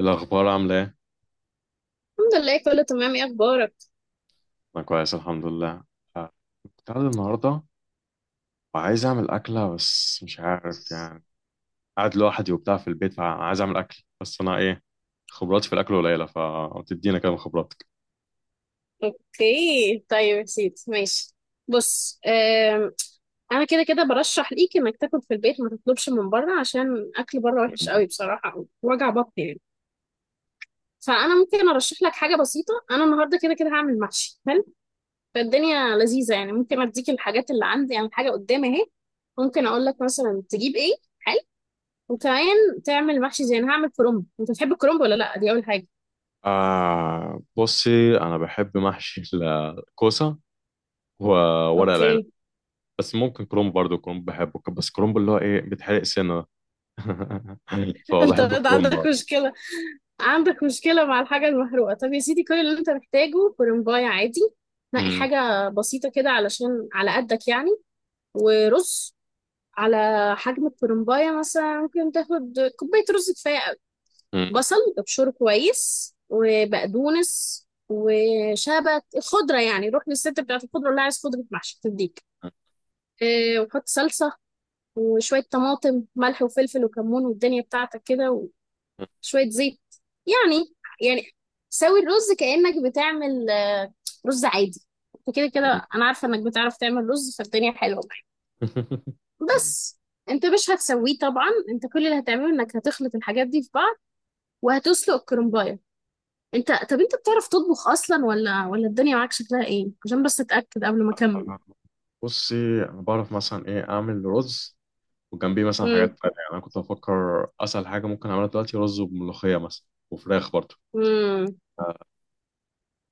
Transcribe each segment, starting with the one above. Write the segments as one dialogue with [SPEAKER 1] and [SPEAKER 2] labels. [SPEAKER 1] الأخبار عاملة إيه؟
[SPEAKER 2] الحمد لله، كله تمام. ايه اخبارك؟
[SPEAKER 1] أنا كويس الحمد لله. آه، كنت قاعد النهاردة وعايز أعمل أكلة، بس مش عارف يعني. قاعد لوحدي وبتاع في البيت، فعايز أعمل أكل بس أنا إيه، خبراتي في الأكل قليلة، فتدينا كده من خبراتك.
[SPEAKER 2] اوكي، طيب يا سيدي ماشي. بص، انا كده كده برشح ليك انك تاكل في البيت، ما تطلبش من بره عشان اكل بره وحش قوي بصراحه، وجع بطن يعني. فانا ممكن ارشح لك حاجه بسيطه. انا النهارده كده كده هعمل محشي، حلو؟ فالدنيا لذيذه يعني. ممكن اديك الحاجات اللي عندي يعني، الحاجه قدامي اهي. ممكن اقول لك مثلا تجيب ايه، حلو؟ وكمان تعمل محشي زي انا هعمل كرنب. انت بتحب الكرنب ولا لا؟ دي اول حاجه.
[SPEAKER 1] آه، بصي أنا بحب محشي الكوسة وورق العنب.
[SPEAKER 2] اوكي.
[SPEAKER 1] بس ممكن كرومب برضه، كرومب بحبه، بس كرومب اللي هو إيه بيتحرق سنة ده.
[SPEAKER 2] انت
[SPEAKER 1] فبحب
[SPEAKER 2] برضه
[SPEAKER 1] الكرومب.
[SPEAKER 2] عندك مشكله، عندك مشكلة مع الحاجة المحروقة. طب يا سيدي، كل اللي انت محتاجه كرنباية عادي. نقي
[SPEAKER 1] أمم.
[SPEAKER 2] حاجة بسيطة كده علشان على قدك يعني. ورز على حجم الكرنباية مثلا. ممكن تاخد كوباية رز، كفاية قوي.
[SPEAKER 1] أمم.
[SPEAKER 2] بصل ابشره كويس، وبقدونس وشبت، الخضرة يعني. روح للست بتاعت الخضرة، اللي عايز خضرة محشي تديك. اه، وحط صلصة وشوية طماطم، ملح وفلفل وكمون، والدنيا بتاعتك كده. شوية زيت يعني. يعني سوي الرز كأنك بتعمل رز عادي. انت كده كده انا عارفة انك بتعرف تعمل رز، فالدنيا حلوة معاك. بس انت مش هتسويه طبعا، انت كل اللي هتعمله انك هتخلط الحاجات دي في بعض وهتسلق الكرنباية. انت، طب انت بتعرف تطبخ اصلا ولا الدنيا معاك شكلها ايه؟ عشان بس اتأكد قبل ما اكمل.
[SPEAKER 1] بصي انا بعرف مثلا ايه اعمل رز وجنبيه مثلا حاجات
[SPEAKER 2] امم،
[SPEAKER 1] تانية، يعني انا كنت بفكر اسهل حاجه ممكن اعملها دلوقتي رز وملوخيه مثلا، وفراخ برضه
[SPEAKER 2] امم،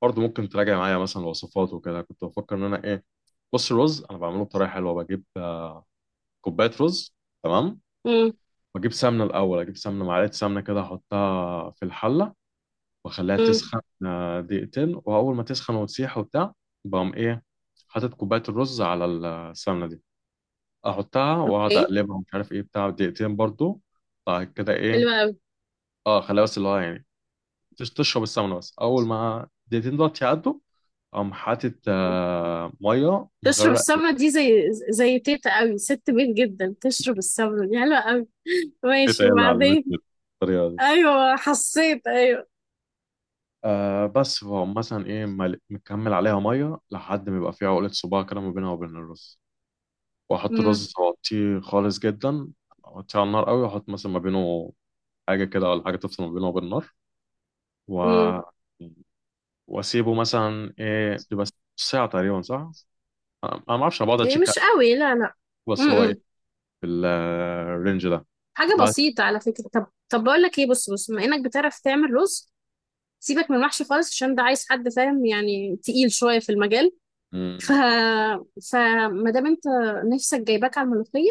[SPEAKER 1] برضه ممكن تراجع معايا مثلا الوصفات وكده. كنت بفكر ان انا ايه، بص الرز انا بعمله بطريقه حلوه. بجيب كوبايه رز، تمام، واجيب سمنه الاول، اجيب سمنه، معلقه سمنه كده احطها في الحله واخليها
[SPEAKER 2] امم،
[SPEAKER 1] تسخن دقيقتين. واول ما تسخن وتسيح وبتاع، بقوم ايه، حاطط كوبايه الرز على السمنه دي، احطها واقعد
[SPEAKER 2] اوكي.
[SPEAKER 1] اقلبها ومش عارف ايه بتاع دقيقتين برضو. بعد كده ايه،
[SPEAKER 2] حلوة أوي.
[SPEAKER 1] اه خليها بس اللي هو يعني تشرب السمنه، بس اول ما دقيقتين دول يعدوا، اقوم حاطط آه ميه
[SPEAKER 2] تشرب
[SPEAKER 1] مغرق.
[SPEAKER 2] السمنة دي زي تيتا قوي، ست بيت جدا. تشرب السمنة دي حلوة قوي.
[SPEAKER 1] التيتا
[SPEAKER 2] ماشي،
[SPEAKER 1] هي اللي
[SPEAKER 2] وبعدين؟
[SPEAKER 1] علمتني الطريقه دي.
[SPEAKER 2] ايوه حسيت، ايوه.
[SPEAKER 1] آه بس فهم، مثلا ايه، مكمل عليها ميه لحد ما يبقى فيها عقله صباع كده ما بينها وبين الرز. واحط
[SPEAKER 2] امم،
[SPEAKER 1] الرز واغطيه خالص جدا، اغطيه على النار قوي واحط مثلا ما بينه حاجه كده، ولا حاجه تفصل ما بينه وبين النار،
[SPEAKER 2] امم.
[SPEAKER 1] و واسيبه مثلا ايه، بيبقى ساعه تقريبا صح. انا ما اعرفش، انا بقعد
[SPEAKER 2] إيه
[SPEAKER 1] اتشيك
[SPEAKER 2] مش
[SPEAKER 1] عليه.
[SPEAKER 2] قوي، لا لا.
[SPEAKER 1] بس هو ايه،
[SPEAKER 2] امم.
[SPEAKER 1] في الرينج ده.
[SPEAKER 2] حاجة
[SPEAKER 1] بعد.
[SPEAKER 2] بسيطة على فكرة. طب، طب بقول لك ايه، بص بص، بما انك بتعرف تعمل رز، سيبك من المحشي خالص، عشان ده عايز حد فاهم يعني، تقيل شوية في المجال. ف،
[SPEAKER 1] مم.
[SPEAKER 2] فما دام انت نفسك جايباك على الملوخية،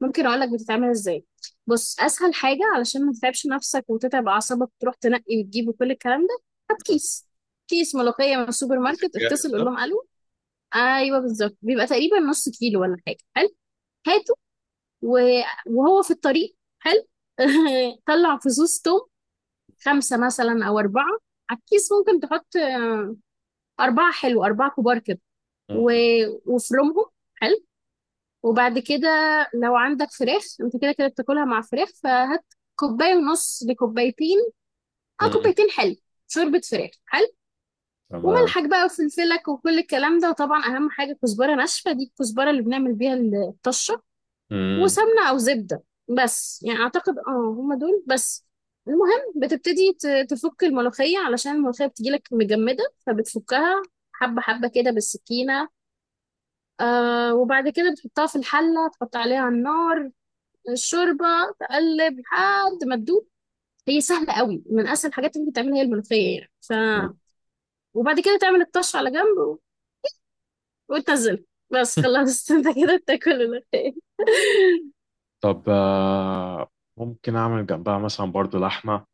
[SPEAKER 2] ممكن اقول لك بتتعمل ازاي. بص، اسهل حاجه علشان ما تتعبش نفسك وتتعب اعصابك تروح تنقي وتجيب وكل الكلام ده، هات
[SPEAKER 1] مم.
[SPEAKER 2] كيس، كيس ملوخيه من السوبر
[SPEAKER 1] الكيس
[SPEAKER 2] ماركت.
[SPEAKER 1] الجاهز
[SPEAKER 2] اتصل، قول
[SPEAKER 1] ده؟
[SPEAKER 2] لهم الو. ايوه بالظبط، بيبقى تقريبا نص كيلو ولا حاجه، حلو. هاته، و- وهو في الطريق، حلو. طلع فصوص توم، خمسه مثلا او اربعه، على الكيس ممكن تحط اربعه، حلو، اربعه كبار كده. و...
[SPEAKER 1] مم.
[SPEAKER 2] وفرمهم، حلو. وبعد كده، لو عندك فراخ انت كده كده بتاكلها مع فراخ، فهات كوباية ونص لكوبايتين، اه
[SPEAKER 1] مم.
[SPEAKER 2] كوبايتين، حلو. شوربة فراخ، حلو.
[SPEAKER 1] تمام.
[SPEAKER 2] وملحك بقى وفلفلك وكل الكلام ده، وطبعا اهم حاجة كزبرة ناشفة. دي الكزبرة اللي بنعمل بيها الطشة.
[SPEAKER 1] مم.
[SPEAKER 2] وسمنة او زبدة. بس يعني اعتقد اه هما دول بس. المهم بتبتدي تفك الملوخية، علشان الملوخية بتجيلك مجمدة، فبتفكها حبة حبة كده بالسكينة. آه، وبعد كده بتحطها في الحلة، تحط عليها النار، الشوربة، تقلب لحد ما تدوب. هي سهلة قوي، من أسهل الحاجات اللي ممكن تعملها هي الملوخية يعني. ف، وبعد كده تعمل الطش على جنب وتنزل، بس خلاص. انت كده بتاكل الملوخية.
[SPEAKER 1] طب ممكن اعمل جنبها مثلا برضو لحمه.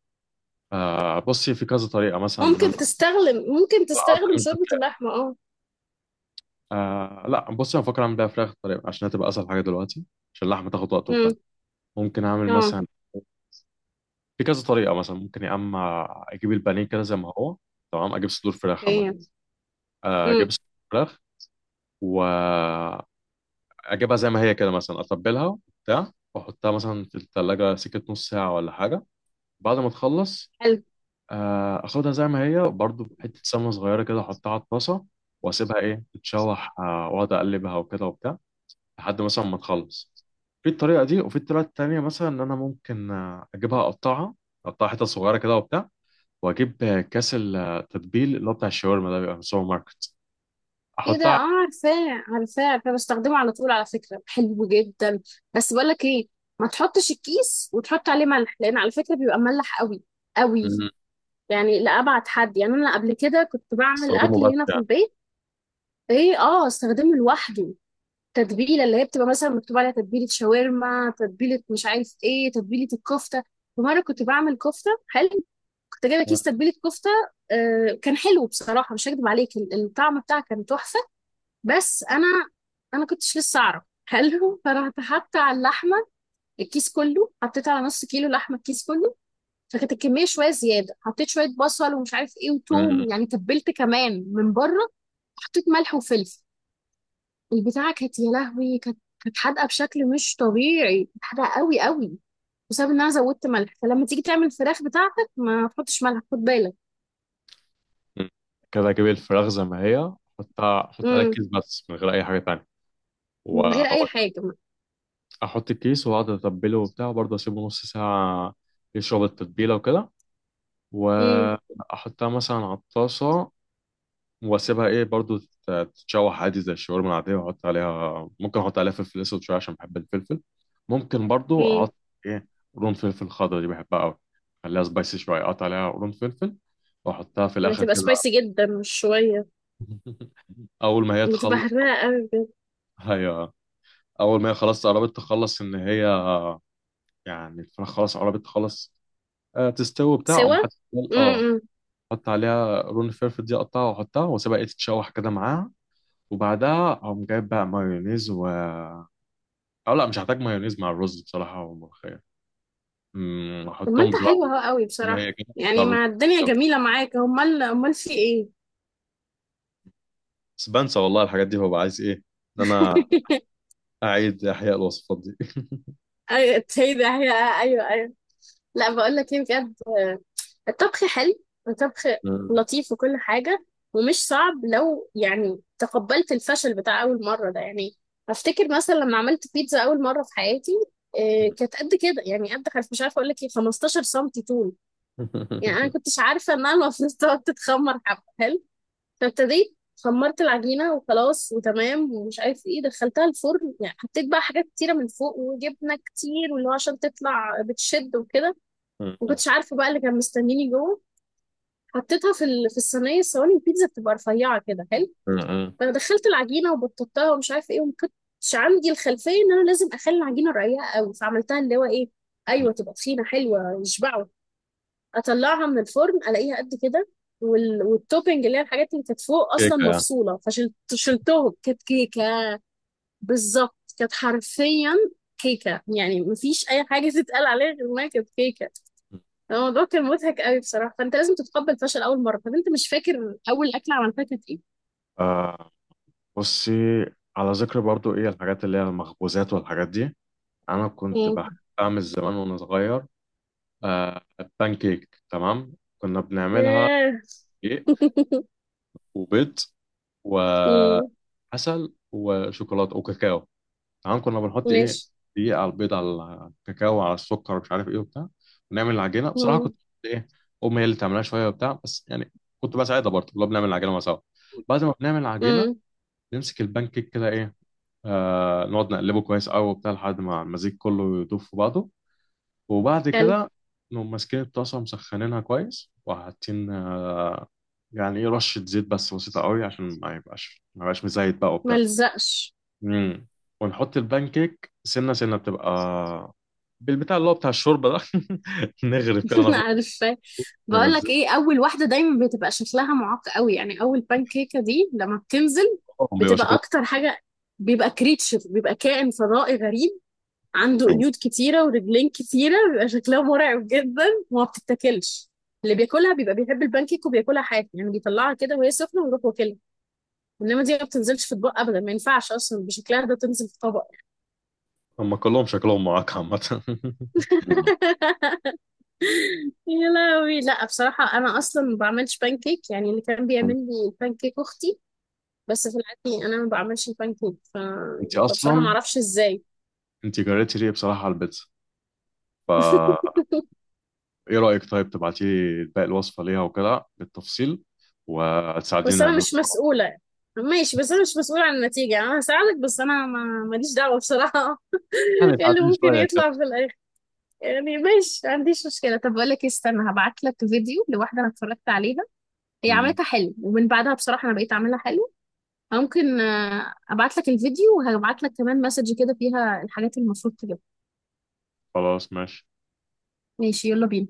[SPEAKER 1] آه، بصي في كذا طريقه مثلا ان
[SPEAKER 2] ممكن
[SPEAKER 1] انا.
[SPEAKER 2] تستخدم ممكن
[SPEAKER 1] لا أصلاً
[SPEAKER 2] تستخدم
[SPEAKER 1] من
[SPEAKER 2] شوربة
[SPEAKER 1] الفراخ.
[SPEAKER 2] اللحمة، اه.
[SPEAKER 1] آه، لا بصي انا بفكر اعمل بيها فراخ طريقه عشان هتبقى اسهل حاجه دلوقتي، عشان اللحمه تاخد وقت وبتاع.
[SPEAKER 2] امم،
[SPEAKER 1] ممكن اعمل
[SPEAKER 2] اه،
[SPEAKER 1] مثلا في كذا طريقة، مثلا ممكن يا اما اجيب البانيه كده زي ما هو، تمام، اجيب صدور فراخ عامة.
[SPEAKER 2] اوكي.
[SPEAKER 1] اجيب
[SPEAKER 2] امم،
[SPEAKER 1] صدور فراخ واجيبها زي ما هي كده، مثلا اتبلها وبتاع واحطها مثلا في التلاجة سكة نص ساعة ولا حاجة. بعد ما تخلص،
[SPEAKER 2] حلو.
[SPEAKER 1] اخدها زي ما هي برضو، بحتة سمنة صغيرة كده احطها على الطاسة واسيبها ايه تتشوح، واقعد اقلبها وكده وبتاع لحد مثلا ما تخلص. في الطريقة دي وفي الطريقة التانية مثلا، ان انا ممكن اجيبها اقطعها، اقطعها حتت صغيرة كده وبتاع، واجيب كاس التتبيل اللي هو بتاع الشاورما ده بيبقى من السوبر ماركت،
[SPEAKER 2] ايه ده؟
[SPEAKER 1] احطها
[SPEAKER 2] اه
[SPEAKER 1] على-
[SPEAKER 2] عارفاه، عارفاه، عارفاه، بستخدمه على طول على فكرة، حلو جدا. بس بقول لك ايه، ما تحطش الكيس وتحط عليه ملح، لان على فكرة بيبقى مملح قوي، قوي.
[SPEAKER 1] مم.
[SPEAKER 2] يعني لأبعد حد يعني. أنا قبل كده كنت بعمل
[SPEAKER 1] استخدمه
[SPEAKER 2] أكل
[SPEAKER 1] بس
[SPEAKER 2] هنا في
[SPEAKER 1] يعني.
[SPEAKER 2] البيت. إيه، آه استخدمه لوحده. تتبيلة اللي هي بتبقى مثلا مكتوب عليها تتبيلة شاورما، تتبيلة مش عارف إيه، تتبيلة الكفتة. ومرة كنت بعمل كفتة، حلو. كنت جايبة
[SPEAKER 1] مم.
[SPEAKER 2] كيس تتبيلة كفتة. آه كان حلو بصراحة، مش هكدب عليك، الطعم بتاعها كان تحفة. بس أنا، أنا كنتش لسه أعرف. حلو، فرحت حاطة على اللحمة الكيس كله، حطيت على نص كيلو لحمة الكيس كله. فكانت الكميه شويه زياده، حطيت شويه بصل ومش عارف ايه
[SPEAKER 1] مم.
[SPEAKER 2] وتوم، يعني تبلت كمان من بره، حطيت ملح وفلفل. البتاعه كانت يا لهوي، كانت، كانت حادقه بشكل مش طبيعي، كانت حادقه قوي قوي، بسبب ان انا زودت ملح. فلما تيجي تعمل الفراخ بتاعتك ما تحطش ملح، خد بالك.
[SPEAKER 1] مم. كده اجيب الفراخ زي ما هي، احطها، احط عليها
[SPEAKER 2] امم.
[SPEAKER 1] الكيس بس من غير اي حاجه تانية.
[SPEAKER 2] من غير اي
[SPEAKER 1] واحط
[SPEAKER 2] حاجه.
[SPEAKER 1] الكيس واقعد اتبله وبتاع، وبرضه اسيبه نص ساعه يشرب التتبيله وكده،
[SPEAKER 2] امم،
[SPEAKER 1] واحطها مثلا على الطاسه واسيبها ايه برضو تتشوح عادي زي الشاورما العاديه. واحط عليها، ممكن احط عليها فلفل اسود شويه عشان بحب الفلفل. ممكن برضو
[SPEAKER 2] امم.
[SPEAKER 1] احط ايه قرون فلفل خضرا، دي بحبها قوي. خليها سبايسي شويه، اقطع عليها قرون فلفل واحطها في الاخر
[SPEAKER 2] بتبقى
[SPEAKER 1] كده.
[SPEAKER 2] سبايسي جدا مش شويه،
[SPEAKER 1] اول ما هي
[SPEAKER 2] بتبقى
[SPEAKER 1] تخلص،
[SPEAKER 2] حراقه قوي بجد.
[SPEAKER 1] هي اول ما هي خلاص قربت تخلص، ان هي يعني الفراخ خلاص قربت تخلص، تستوي بتاع، اقوم
[SPEAKER 2] سوا،
[SPEAKER 1] حط. اه
[SPEAKER 2] امم.
[SPEAKER 1] حط عليها قرون الفلفل دي، اقطعها واحطها واسيبها ايه تتشوح كده معاها. وبعدها اقوم جايب بقى مايونيز و... اه لا، مش هحتاج مايونيز مع الرز بصراحة والملوخية.
[SPEAKER 2] طب ما
[SPEAKER 1] احطهم
[SPEAKER 2] انت حلوه
[SPEAKER 1] بصراحة
[SPEAKER 2] اهو قوي
[SPEAKER 1] زي ما
[SPEAKER 2] بصراحه،
[SPEAKER 1] هي كده، احطها
[SPEAKER 2] يعني
[SPEAKER 1] رز.
[SPEAKER 2] ما الدنيا جميله معاك، امال، امال في ايه؟
[SPEAKER 1] بس بنسى والله الحاجات دي، ببقى عايز ايه، ان انا اعيد احياء الوصفات دي.
[SPEAKER 2] ايوه، هي ده هي، ايوه ايوه. لا بقول لك ايه بجد، الطبخ حلو، الطبخ لطيف وكل حاجه، ومش صعب، لو يعني تقبلت الفشل بتاع اول مره ده يعني. افتكر مثلا لما عملت بيتزا اول مره في حياتي، إيه، كانت قد كده يعني، قد حرف مش عارفه اقول لك ايه، 15 سم طول يعني. انا كنتش عارفه انها المفروض تقعد تتخمر حبه، فابتديت، خمرت العجينة وخلاص وتمام، ومش عارف ايه، دخلتها الفرن يعني. حطيت بقى حاجات كتيرة من فوق، وجبنة كتير واللي هو عشان تطلع بتشد وكده. ما
[SPEAKER 1] امم.
[SPEAKER 2] كنتش عارفة بقى اللي كان مستنيني جوه. حطيتها في في الصينية، الصواني البيتزا بتبقى رفيعة كده، حلو.
[SPEAKER 1] امم.
[SPEAKER 2] فدخلت العجينة وبططتها ومش عارف ايه، وما كنتش عندي الخلفية ان انا لازم اخلي العجينة رقيقة قوي، فعملتها اللي هو ايه، ايوه تبقى تخينة حلوة يشبعوا. اطلعها من الفرن، الاقيها قد كده. والتوبنج اللي هي الحاجات اللي كانت فوق اصلا
[SPEAKER 1] كيكة يعني.
[SPEAKER 2] مفصوله، فشلتهم. كانت كيكه، بالظبط، كانت حرفيا كيكه، يعني مفيش اي حاجه تتقال عليها غير انها كانت كيكه. الموضوع كان مضحك قوي بصراحه. فانت لازم تتقبل فشل اول مره. طب انت مش فاكر اول اكله عملتها كانت ايه؟
[SPEAKER 1] آه بصي، على ذكر برضو ايه الحاجات اللي هي المخبوزات والحاجات دي، انا كنت
[SPEAKER 2] مم.
[SPEAKER 1] بحب اعمل زمان وانا صغير آه بان كيك، تمام. كنا بنعملها
[SPEAKER 2] ياه.
[SPEAKER 1] دقيق وبيض و
[SPEAKER 2] مم.
[SPEAKER 1] عسل وشوكولاته وكاكاو، تمام. كنا بنحط ايه
[SPEAKER 2] ماشي.
[SPEAKER 1] دقيقه على البيض على الكاكاو على السكر ومش عارف ايه وبتاع، ونعمل العجينه. بصراحه كنت
[SPEAKER 2] مم.
[SPEAKER 1] ايه، امي هي اللي تعملها شويه وبتاع، بس يعني كنت بساعدها برضه، كنا بنعمل العجينه مع سوا. بعد ما بنعمل العجينه،
[SPEAKER 2] مم.
[SPEAKER 1] نمسك البان كيك كده ايه، آه نقعد نقلبه كويس قوي وبتاع لحد ما المزيج كله يدوب في بعضه. وبعد
[SPEAKER 2] حلو.
[SPEAKER 1] كده نقوم ماسكين الطاسه مسخنينها كويس، وحاطين يعني ايه رشه زيت بس بسيطه قوي عشان ما يبقاش مزيت بقى وبتاع.
[SPEAKER 2] ملزقش.
[SPEAKER 1] امم. ونحط البانكيك سنه سنه، بتبقى بالبتاع اللي هو بتاع الشوربه ده، نغرف كده ناخد
[SPEAKER 2] عارفة، بقول لك
[SPEAKER 1] ننزلهم،
[SPEAKER 2] ايه، اول واحدة دايما بتبقى شكلها معاق قوي يعني، اول بانكيكة دي لما بتنزل،
[SPEAKER 1] بيبقى
[SPEAKER 2] بتبقى
[SPEAKER 1] شكلهم.
[SPEAKER 2] اكتر حاجة، بيبقى كريتشر، بيبقى كائن فضائي غريب، عنده قيود كتيرة ورجلين كتيرة، بيبقى شكلها مرعب جدا، وما بتتاكلش. اللي بياكلها بيبقى بيحب البانكيك وبياكلها حاف، يعني بيطلعها كده وهي سخنة ويروح واكلها. انما دي ما بتنزلش في اطباق ابدا، ما ينفعش اصلا بشكلها ده تنزل في طبق.
[SPEAKER 1] هم كلهم شكلهم معاك عامه.
[SPEAKER 2] يا لهوي، لا بصراحة أنا أصلا ما بعملش بانكيك، يعني اللي كان بيعمل لي البانكيك أختي. بس في العادي أنا ما بعملش البانكيك،
[SPEAKER 1] انت
[SPEAKER 2] فبصراحة ما
[SPEAKER 1] اصلا،
[SPEAKER 2] أعرفش إزاي.
[SPEAKER 1] انت جريتي ليه بصراحه على البيتزا. فا ايه رايك طيب، تبعتي لي باقي الوصفه ليها وكده بالتفصيل وتساعديني
[SPEAKER 2] بس أنا
[SPEAKER 1] نعملها.
[SPEAKER 2] مش مسؤولة، ماشي بس أنا مش مسؤولة عن النتيجة. أنا هساعدك بس أنا ما ماليش دعوة بصراحة.
[SPEAKER 1] يعني
[SPEAKER 2] إيه اللي
[SPEAKER 1] ساعديني
[SPEAKER 2] ممكن
[SPEAKER 1] شويه كده.
[SPEAKER 2] يطلع في الآخر؟ يعني ماشي، ما عنديش مشكلة. طب بقول لك إيه، استنى هبعت لك فيديو لواحدة أنا اتفرجت عليها، هي
[SPEAKER 1] امم.
[SPEAKER 2] عملتها حلو، ومن بعدها بصراحة أنا بقيت أعملها حلو. ممكن ابعت لك الفيديو، وهبعت لك كمان مسج كده فيها الحاجات اللي المفروض تجيبها.
[SPEAKER 1] خلاص ماشي.
[SPEAKER 2] ماشي، يلا بينا.